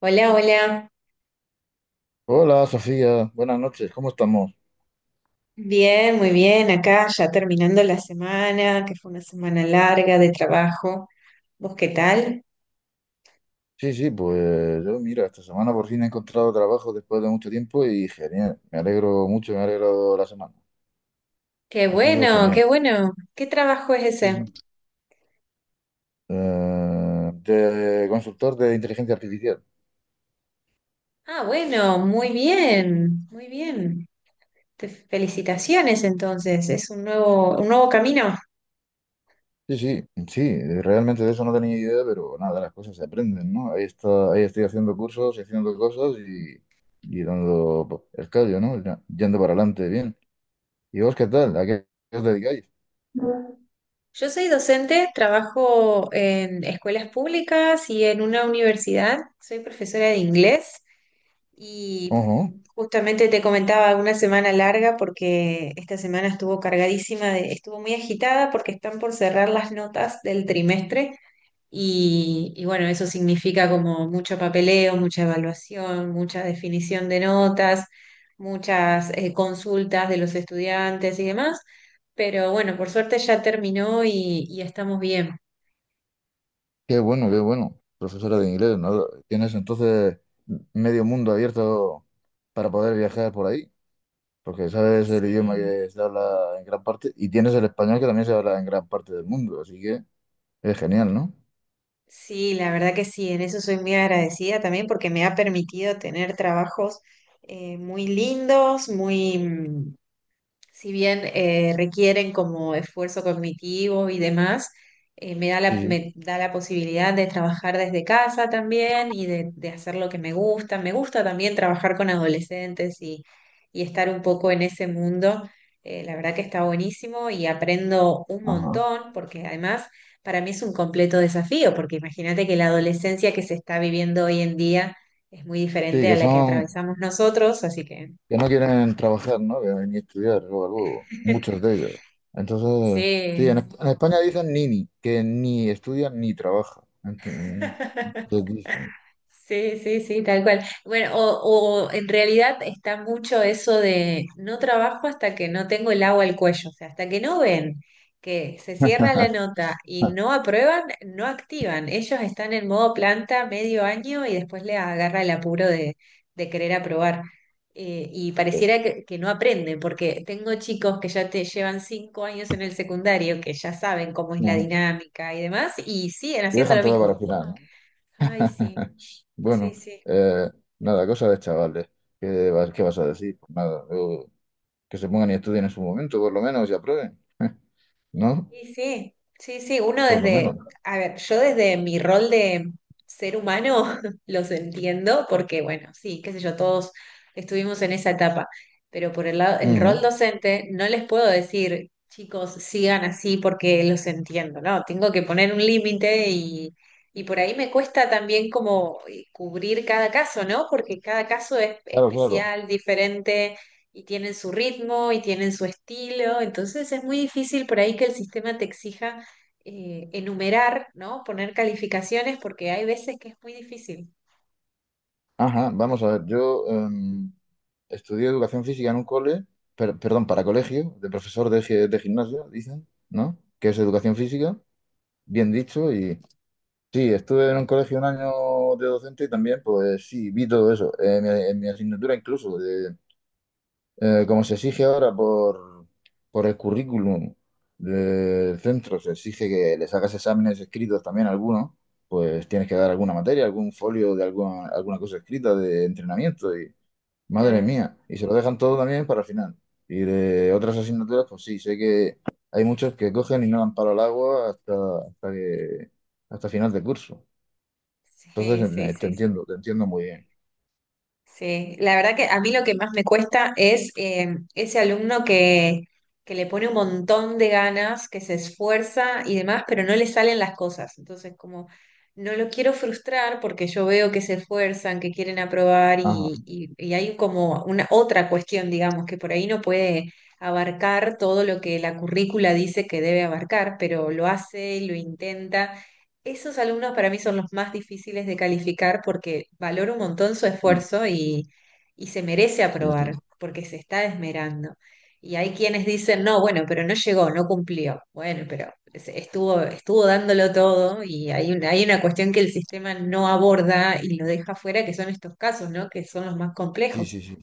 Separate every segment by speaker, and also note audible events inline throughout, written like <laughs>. Speaker 1: Hola, hola.
Speaker 2: Hola Sofía, buenas noches, ¿cómo estamos?
Speaker 1: Bien, muy bien. Acá ya terminando la semana, que fue una semana larga de trabajo. ¿Vos qué tal?
Speaker 2: Sí, sí, pues yo mira, esta semana por fin he encontrado trabajo después de mucho tiempo y genial, me alegro mucho, me ha alegrado la semana,
Speaker 1: Qué
Speaker 2: ha sido
Speaker 1: bueno,
Speaker 2: genial.
Speaker 1: qué bueno. ¿Qué trabajo es
Speaker 2: Sí,
Speaker 1: ese?
Speaker 2: sí. De consultor de inteligencia artificial.
Speaker 1: Ah, bueno, muy bien, muy bien. Te felicitaciones entonces. Es un nuevo camino.
Speaker 2: Sí, sí, sí, realmente de eso no tenía idea, pero nada, las cosas se aprenden, ¿no? Ahí está, ahí estoy haciendo cursos, y haciendo cosas y dando pues, el callo, ¿no? Yendo para adelante, bien. ¿Y vos qué tal? ¿A qué os dedicáis?
Speaker 1: Yo soy docente, trabajo en escuelas públicas y en una universidad. Soy profesora de inglés. Y
Speaker 2: Ajá.
Speaker 1: justamente te comentaba una semana larga porque esta semana estuvo cargadísima, estuvo muy agitada porque están por cerrar las notas del trimestre y bueno, eso significa como mucho papeleo, mucha evaluación, mucha definición de notas, muchas consultas de los estudiantes y demás. Pero bueno, por suerte ya terminó y estamos bien.
Speaker 2: Qué bueno, qué bueno. Profesora de inglés, ¿no? Tienes entonces medio mundo abierto para poder viajar por ahí, porque sabes el idioma
Speaker 1: Sí.
Speaker 2: que se habla en gran parte y tienes el español que también se habla en gran parte del mundo, así que es genial, ¿no?
Speaker 1: Sí, la verdad que sí, en eso soy muy agradecida también porque me ha permitido tener trabajos muy lindos, si bien requieren como esfuerzo cognitivo y demás,
Speaker 2: Sí, sí.
Speaker 1: me da la posibilidad de trabajar desde casa también y de hacer lo que me gusta. Me gusta también trabajar con adolescentes y estar un poco en ese mundo. La verdad que está buenísimo y aprendo un
Speaker 2: Ajá.
Speaker 1: montón porque además para mí es un completo desafío, porque imagínate que la adolescencia que se está viviendo hoy en día es muy
Speaker 2: Sí,
Speaker 1: diferente a
Speaker 2: que
Speaker 1: la que
Speaker 2: son,
Speaker 1: atravesamos nosotros, así que
Speaker 2: que no quieren trabajar, ¿no? Que ni estudiar, luego, luego, muchos de
Speaker 1: <laughs>
Speaker 2: ellos. Entonces,
Speaker 1: sí,
Speaker 2: sí, en España dicen nini, que ni estudian ni trabajan. Entonces, dicen,
Speaker 1: sí, sí, sí, tal cual. Bueno, o en realidad está mucho eso de no trabajo hasta que no tengo el agua al cuello, o sea, hasta que no ven que se cierra la nota y no
Speaker 2: <laughs>
Speaker 1: aprueban, no activan. Ellos están en modo planta medio año y después les agarra el apuro de querer aprobar. Y
Speaker 2: pues,
Speaker 1: pareciera que no aprenden, porque tengo chicos que ya te llevan cinco años en el secundario, que ya saben cómo es la
Speaker 2: no,
Speaker 1: dinámica y demás, y siguen
Speaker 2: lo
Speaker 1: haciendo
Speaker 2: dejan
Speaker 1: lo
Speaker 2: todo para
Speaker 1: mismo.
Speaker 2: el final, ¿no?
Speaker 1: Ay, sí,
Speaker 2: <laughs>
Speaker 1: sí,
Speaker 2: Bueno,
Speaker 1: sí.
Speaker 2: eh, nada, cosa de chavales. ¿Qué, qué vas a decir? Pues nada, yo- que se pongan y estudien en su momento, por lo menos, y aprueben, <laughs> ¿no?
Speaker 1: Sí, sí, sí, sí, uno
Speaker 2: Por lo
Speaker 1: desde,
Speaker 2: menos.
Speaker 1: a ver, yo desde mi rol de ser humano <laughs> los entiendo porque, bueno, sí, qué sé yo, todos estuvimos en esa etapa, pero por el lado, el rol
Speaker 2: Ujú.
Speaker 1: docente no les puedo decir, chicos, sigan así porque los entiendo, ¿no? Tengo que poner un límite y por ahí me cuesta también como cubrir cada caso, ¿no? Porque cada caso es
Speaker 2: Claro, claro.
Speaker 1: especial, diferente y tienen su ritmo y tienen su estilo, entonces es muy difícil por ahí que el sistema te exija enumerar, ¿no? Poner calificaciones porque hay veces que es muy difícil.
Speaker 2: Ajá, vamos a ver, yo estudié educación física en un cole, perdón, para colegio, de profesor de, de gimnasio, dicen, ¿no? Que es educación física, bien dicho, y sí, estuve en un colegio un año de docente y también, pues sí, vi todo eso, en mi asignatura incluso, como se exige ahora por el currículum del centro, se exige que le sacas exámenes escritos también algunos, pues tienes que dar alguna materia, algún folio de alguna, alguna cosa escrita de entrenamiento y madre
Speaker 1: Claro.
Speaker 2: mía, y se lo dejan todo también para el final. Y de otras asignaturas, pues sí, sé que hay muchos que cogen y no dan palo al agua hasta, hasta que hasta final de curso.
Speaker 1: Sí,
Speaker 2: Entonces
Speaker 1: sí, sí, sí.
Speaker 2: te entiendo muy bien.
Speaker 1: Sí, la verdad que a mí lo que más me cuesta es ese alumno que le pone un montón de ganas, que se esfuerza y demás, pero no le salen las cosas. Entonces, como no lo quiero frustrar porque yo veo que se esfuerzan, que quieren aprobar
Speaker 2: Ajá,
Speaker 1: y hay como una otra cuestión, digamos, que por ahí no puede abarcar todo lo que la currícula dice que debe abarcar, pero lo hace, lo intenta esos alumnos para mí son los más difíciles de calificar porque valoro un montón su
Speaker 2: sí,
Speaker 1: esfuerzo y se merece
Speaker 2: sí, sí,
Speaker 1: aprobar porque se está esmerando. Y hay quienes dicen, no, bueno, pero no llegó, no cumplió. Bueno, pero estuvo, estuvo dándolo todo y hay una cuestión que el sistema no aborda y lo deja fuera, que son estos casos, ¿no? Que son los más
Speaker 2: sí,
Speaker 1: complejos.
Speaker 2: sí, sí.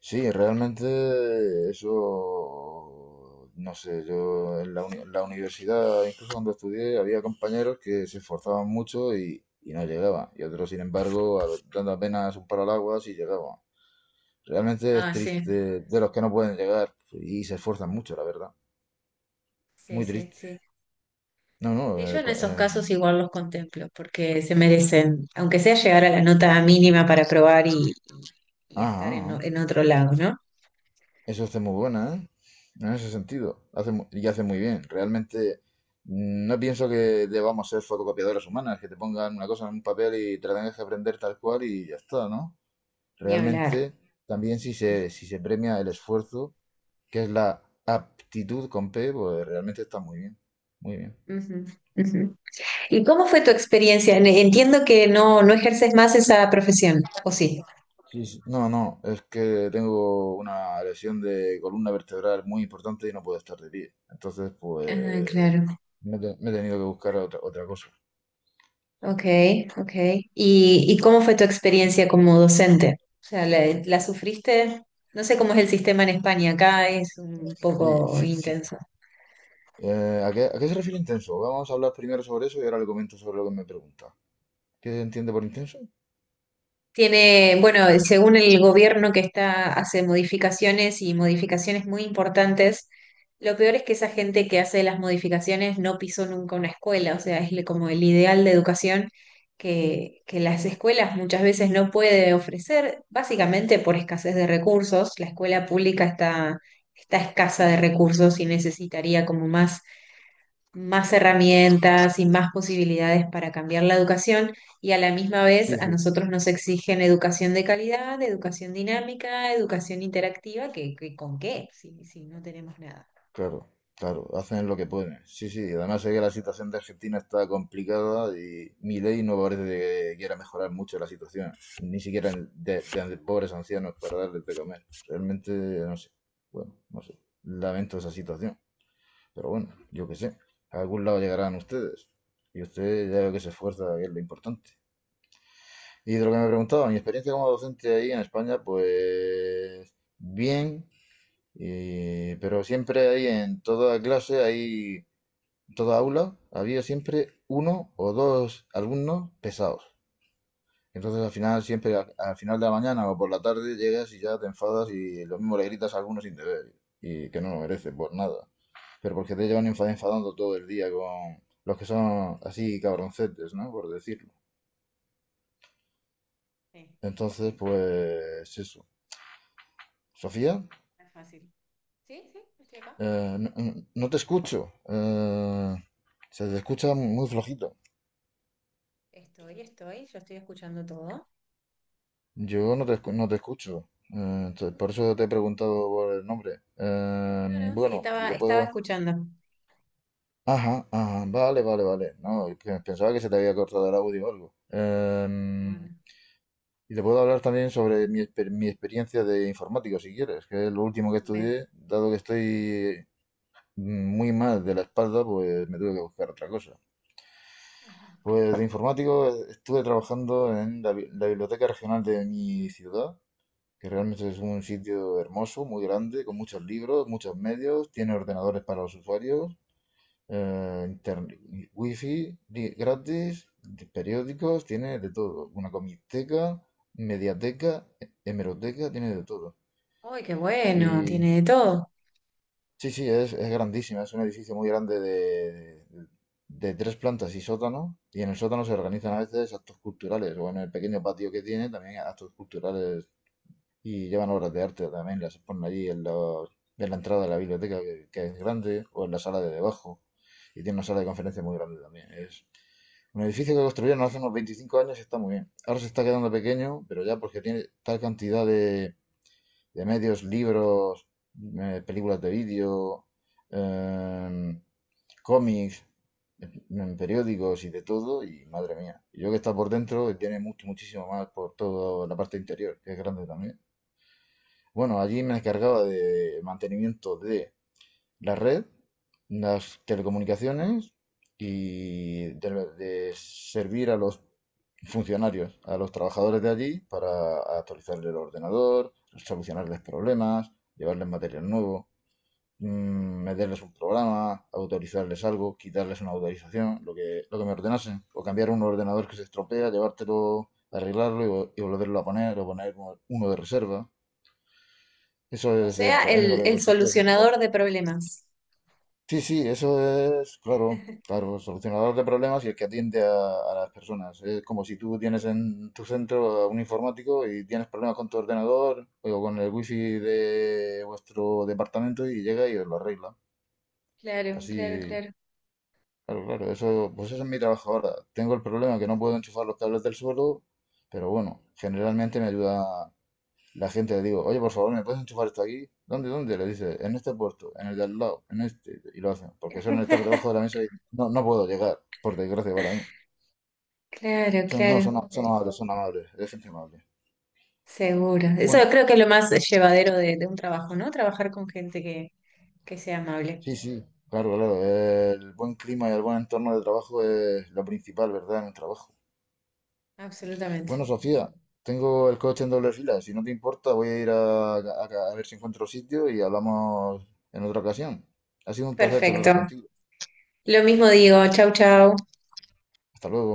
Speaker 2: Sí, realmente eso, no sé, yo en la, en la universidad, incluso cuando estudié, había compañeros que se esforzaban mucho y no llegaban, y otros, sin embargo, a- dando apenas un palo al agua, sí llegaban. Realmente es
Speaker 1: Ah, sí,
Speaker 2: triste de los que no pueden llegar y se esfuerzan mucho, la verdad.
Speaker 1: sí,
Speaker 2: Muy
Speaker 1: sí,
Speaker 2: triste.
Speaker 1: sí.
Speaker 2: No, no,
Speaker 1: Sí, yo en esos casos
Speaker 2: en-
Speaker 1: igual los contemplo, porque se merecen, aunque sea llegar a la nota mínima para probar y estar
Speaker 2: ajá,
Speaker 1: en otro lado, ¿no?
Speaker 2: eso hace muy buena, ¿eh? En ese sentido. Y hace muy bien. Realmente no pienso que debamos ser fotocopiadoras humanas, que te pongan una cosa en un papel y te la tengas que aprender tal cual y ya está, ¿no?
Speaker 1: Ni hablar.
Speaker 2: Realmente también si se premia el esfuerzo, que es la aptitud con P, pues realmente está muy bien. Muy bien.
Speaker 1: Ujú, ujú. ¿Y cómo fue tu experiencia? Entiendo que no, no ejerces más esa profesión, ¿o sí?
Speaker 2: Sí, sí. No, no, es que tengo una lesión de columna vertebral muy importante y no puedo estar de pie. Entonces,
Speaker 1: Ah,
Speaker 2: pues
Speaker 1: claro.
Speaker 2: me he tenido que buscar otra, otra cosa.
Speaker 1: Ok, ok. ¿Y cómo fue tu experiencia como docente? O sea, ¿la sufriste? No sé cómo es el sistema en España, acá es un
Speaker 2: Sí,
Speaker 1: poco
Speaker 2: sí, sí.
Speaker 1: intenso.
Speaker 2: ¿A qué, a qué se refiere intenso? Vamos a hablar primero sobre eso y ahora le comento sobre lo que me pregunta. ¿Qué se entiende por intenso?
Speaker 1: Tiene, bueno, según el gobierno que está, hace modificaciones y modificaciones muy importantes, lo peor es que esa gente que hace las modificaciones no pisó nunca una escuela, o sea, es como el ideal de educación que las escuelas muchas veces no puede ofrecer, básicamente por escasez de recursos. La escuela pública está escasa de recursos y necesitaría como más
Speaker 2: Pues,
Speaker 1: herramientas y más posibilidades para cambiar la educación y a la misma
Speaker 2: sí,
Speaker 1: vez a
Speaker 2: sí,
Speaker 1: nosotros nos exigen educación de calidad, educación dinámica, educación interactiva, ¿con qué? Si no tenemos nada.
Speaker 2: claro, claro, hacen lo que pueden. Sí, sí, y además sé que
Speaker 1: Ujú,
Speaker 2: la situación de Argentina está complicada y mi ley no parece que quiera mejorar mucho la situación, ni siquiera pobres ancianos para darles de comer. Realmente, no sé, bueno, no sé, lamento esa
Speaker 1: ujú.
Speaker 2: situación, pero bueno, yo qué sé, a algún lado llegarán ustedes y usted ya veo que se esfuerza, que es lo importante. Y de lo que me preguntaba, mi experiencia como docente ahí en España, pues bien, y- pero siempre hay en toda clase, hay en toda aula, había siempre uno o dos alumnos pesados. Entonces al final, siempre al final de la mañana o por la tarde llegas y ya te enfadas y lo mismo le gritas a alguno sin deber y que no lo merece por nada. Pero porque te llevan enfadando todo el día con los que son así cabroncetes, ¿no? Por decirlo.
Speaker 1: Sí,
Speaker 2: Entonces, pues eso. Sofía.
Speaker 1: no es fácil. Sí, sí, estoy acá.
Speaker 2: No, no te escucho. Se te escucha muy flojito.
Speaker 1: Yo estoy escuchando todo.
Speaker 2: Yo no te no te escucho. Eh, entonces, por eso te he preguntado por el nombre.
Speaker 1: No, no, sí,
Speaker 2: Bueno, y te
Speaker 1: estaba
Speaker 2: puedo...
Speaker 1: escuchando.
Speaker 2: Ajá, ajá, vale, vale, vale. No, es que pensaba que se te había cortado el audio o algo.
Speaker 1: Bueno,
Speaker 2: Y te puedo hablar también sobre mi, mi experiencia de informático, si quieres, que es lo último que
Speaker 1: ven.
Speaker 2: estudié, dado que estoy muy mal de la espalda, pues me tuve que buscar otra cosa.
Speaker 1: Ajá.
Speaker 2: Pues de informático estuve trabajando en la, la biblioteca regional de mi ciudad, que realmente es un sitio hermoso, muy grande, con muchos libros, muchos medios, tiene ordenadores para los usuarios, eh, interne- wifi gratis, de periódicos, tiene de todo. Una comiteca, mediateca, hemeroteca, tiene de todo.
Speaker 1: Uy, qué bueno, tiene de todo.
Speaker 2: Sí, sí, es grandísima, es un edificio muy grande de tres plantas y sótano, y en el sótano se organizan a veces actos culturales, o en el pequeño patio que tiene también actos culturales y llevan obras de arte también, las ponen allí en, los- en la entrada de la biblioteca, que es grande, o en la sala de debajo, y tiene una sala de conferencia muy grande también. Es un edificio que construyeron hace unos 25 años y está muy bien. Ahora se está quedando pequeño, pero ya porque tiene tal cantidad de medios, libros, películas de vídeo, em, cómics, periódicos y de todo, y madre mía. Y yo que está por dentro, tiene mucho, muchísimo más por toda la parte interior, que es grande también. Bueno, allí me encargaba de mantenimiento de la red, las telecomunicaciones y de servir a los funcionarios, a los trabajadores de allí para actualizarles el ordenador, solucionarles problemas, llevarles material nuevo, mm, meterles un programa, autorizarles algo, quitarles una autorización, lo que me ordenase, o cambiar un ordenador que se estropea, llevártelo, arreglarlo y volverlo a poner, o poner uno de reserva. Eso
Speaker 1: O
Speaker 2: es, el
Speaker 1: sea,
Speaker 2: es lo
Speaker 1: el,
Speaker 2: que
Speaker 1: el
Speaker 2: consiste ese
Speaker 1: solucionador
Speaker 2: trabajo.
Speaker 1: de problemas.
Speaker 2: Sí, sí, eso es, claro,
Speaker 1: <laughs>
Speaker 2: claro, solucionador de problemas y el que atiende a las personas. Es como si tú tienes en tu centro a un informático y tienes problemas con tu ordenador o con el wifi de vuestro departamento y llega y os lo arregla.
Speaker 1: Claro, claro,
Speaker 2: Así,
Speaker 1: claro.
Speaker 2: claro, claro, eso, pues eso es mi trabajo ahora. Tengo el problema que no puedo enchufar los cables del suelo, pero bueno, generalmente me ayuda, la gente le digo, oye, por favor, ¿me puedes enchufar esto aquí? ¿Dónde, dónde? Le dice, en este puerto, en el de al lado, en este. Y lo hacen, porque suelen estar debajo de la
Speaker 1: <laughs>
Speaker 2: mesa y no, no puedo llegar, por desgracia para mí.
Speaker 1: Claro,
Speaker 2: Son, no,
Speaker 1: claro,
Speaker 2: son, son amables, es gente amable.
Speaker 1: seguro. Eso
Speaker 2: Bueno,
Speaker 1: creo que es lo más llevadero de un trabajo, ¿no? Trabajar con gente que sea amable.
Speaker 2: sí, sí, claro, claro. El buen clima y el buen entorno de trabajo es lo principal, ¿verdad? En un trabajo.
Speaker 1: Absolutamente.
Speaker 2: Bueno, Sofía, tengo el coche en doble fila. Si no te importa, voy a ir a, a ver si encuentro sitio y hablamos en otra ocasión. Ha sido un placer charlar
Speaker 1: Perfecto.
Speaker 2: contigo.
Speaker 1: Lo mismo digo. Chau, chau.
Speaker 2: Hasta luego.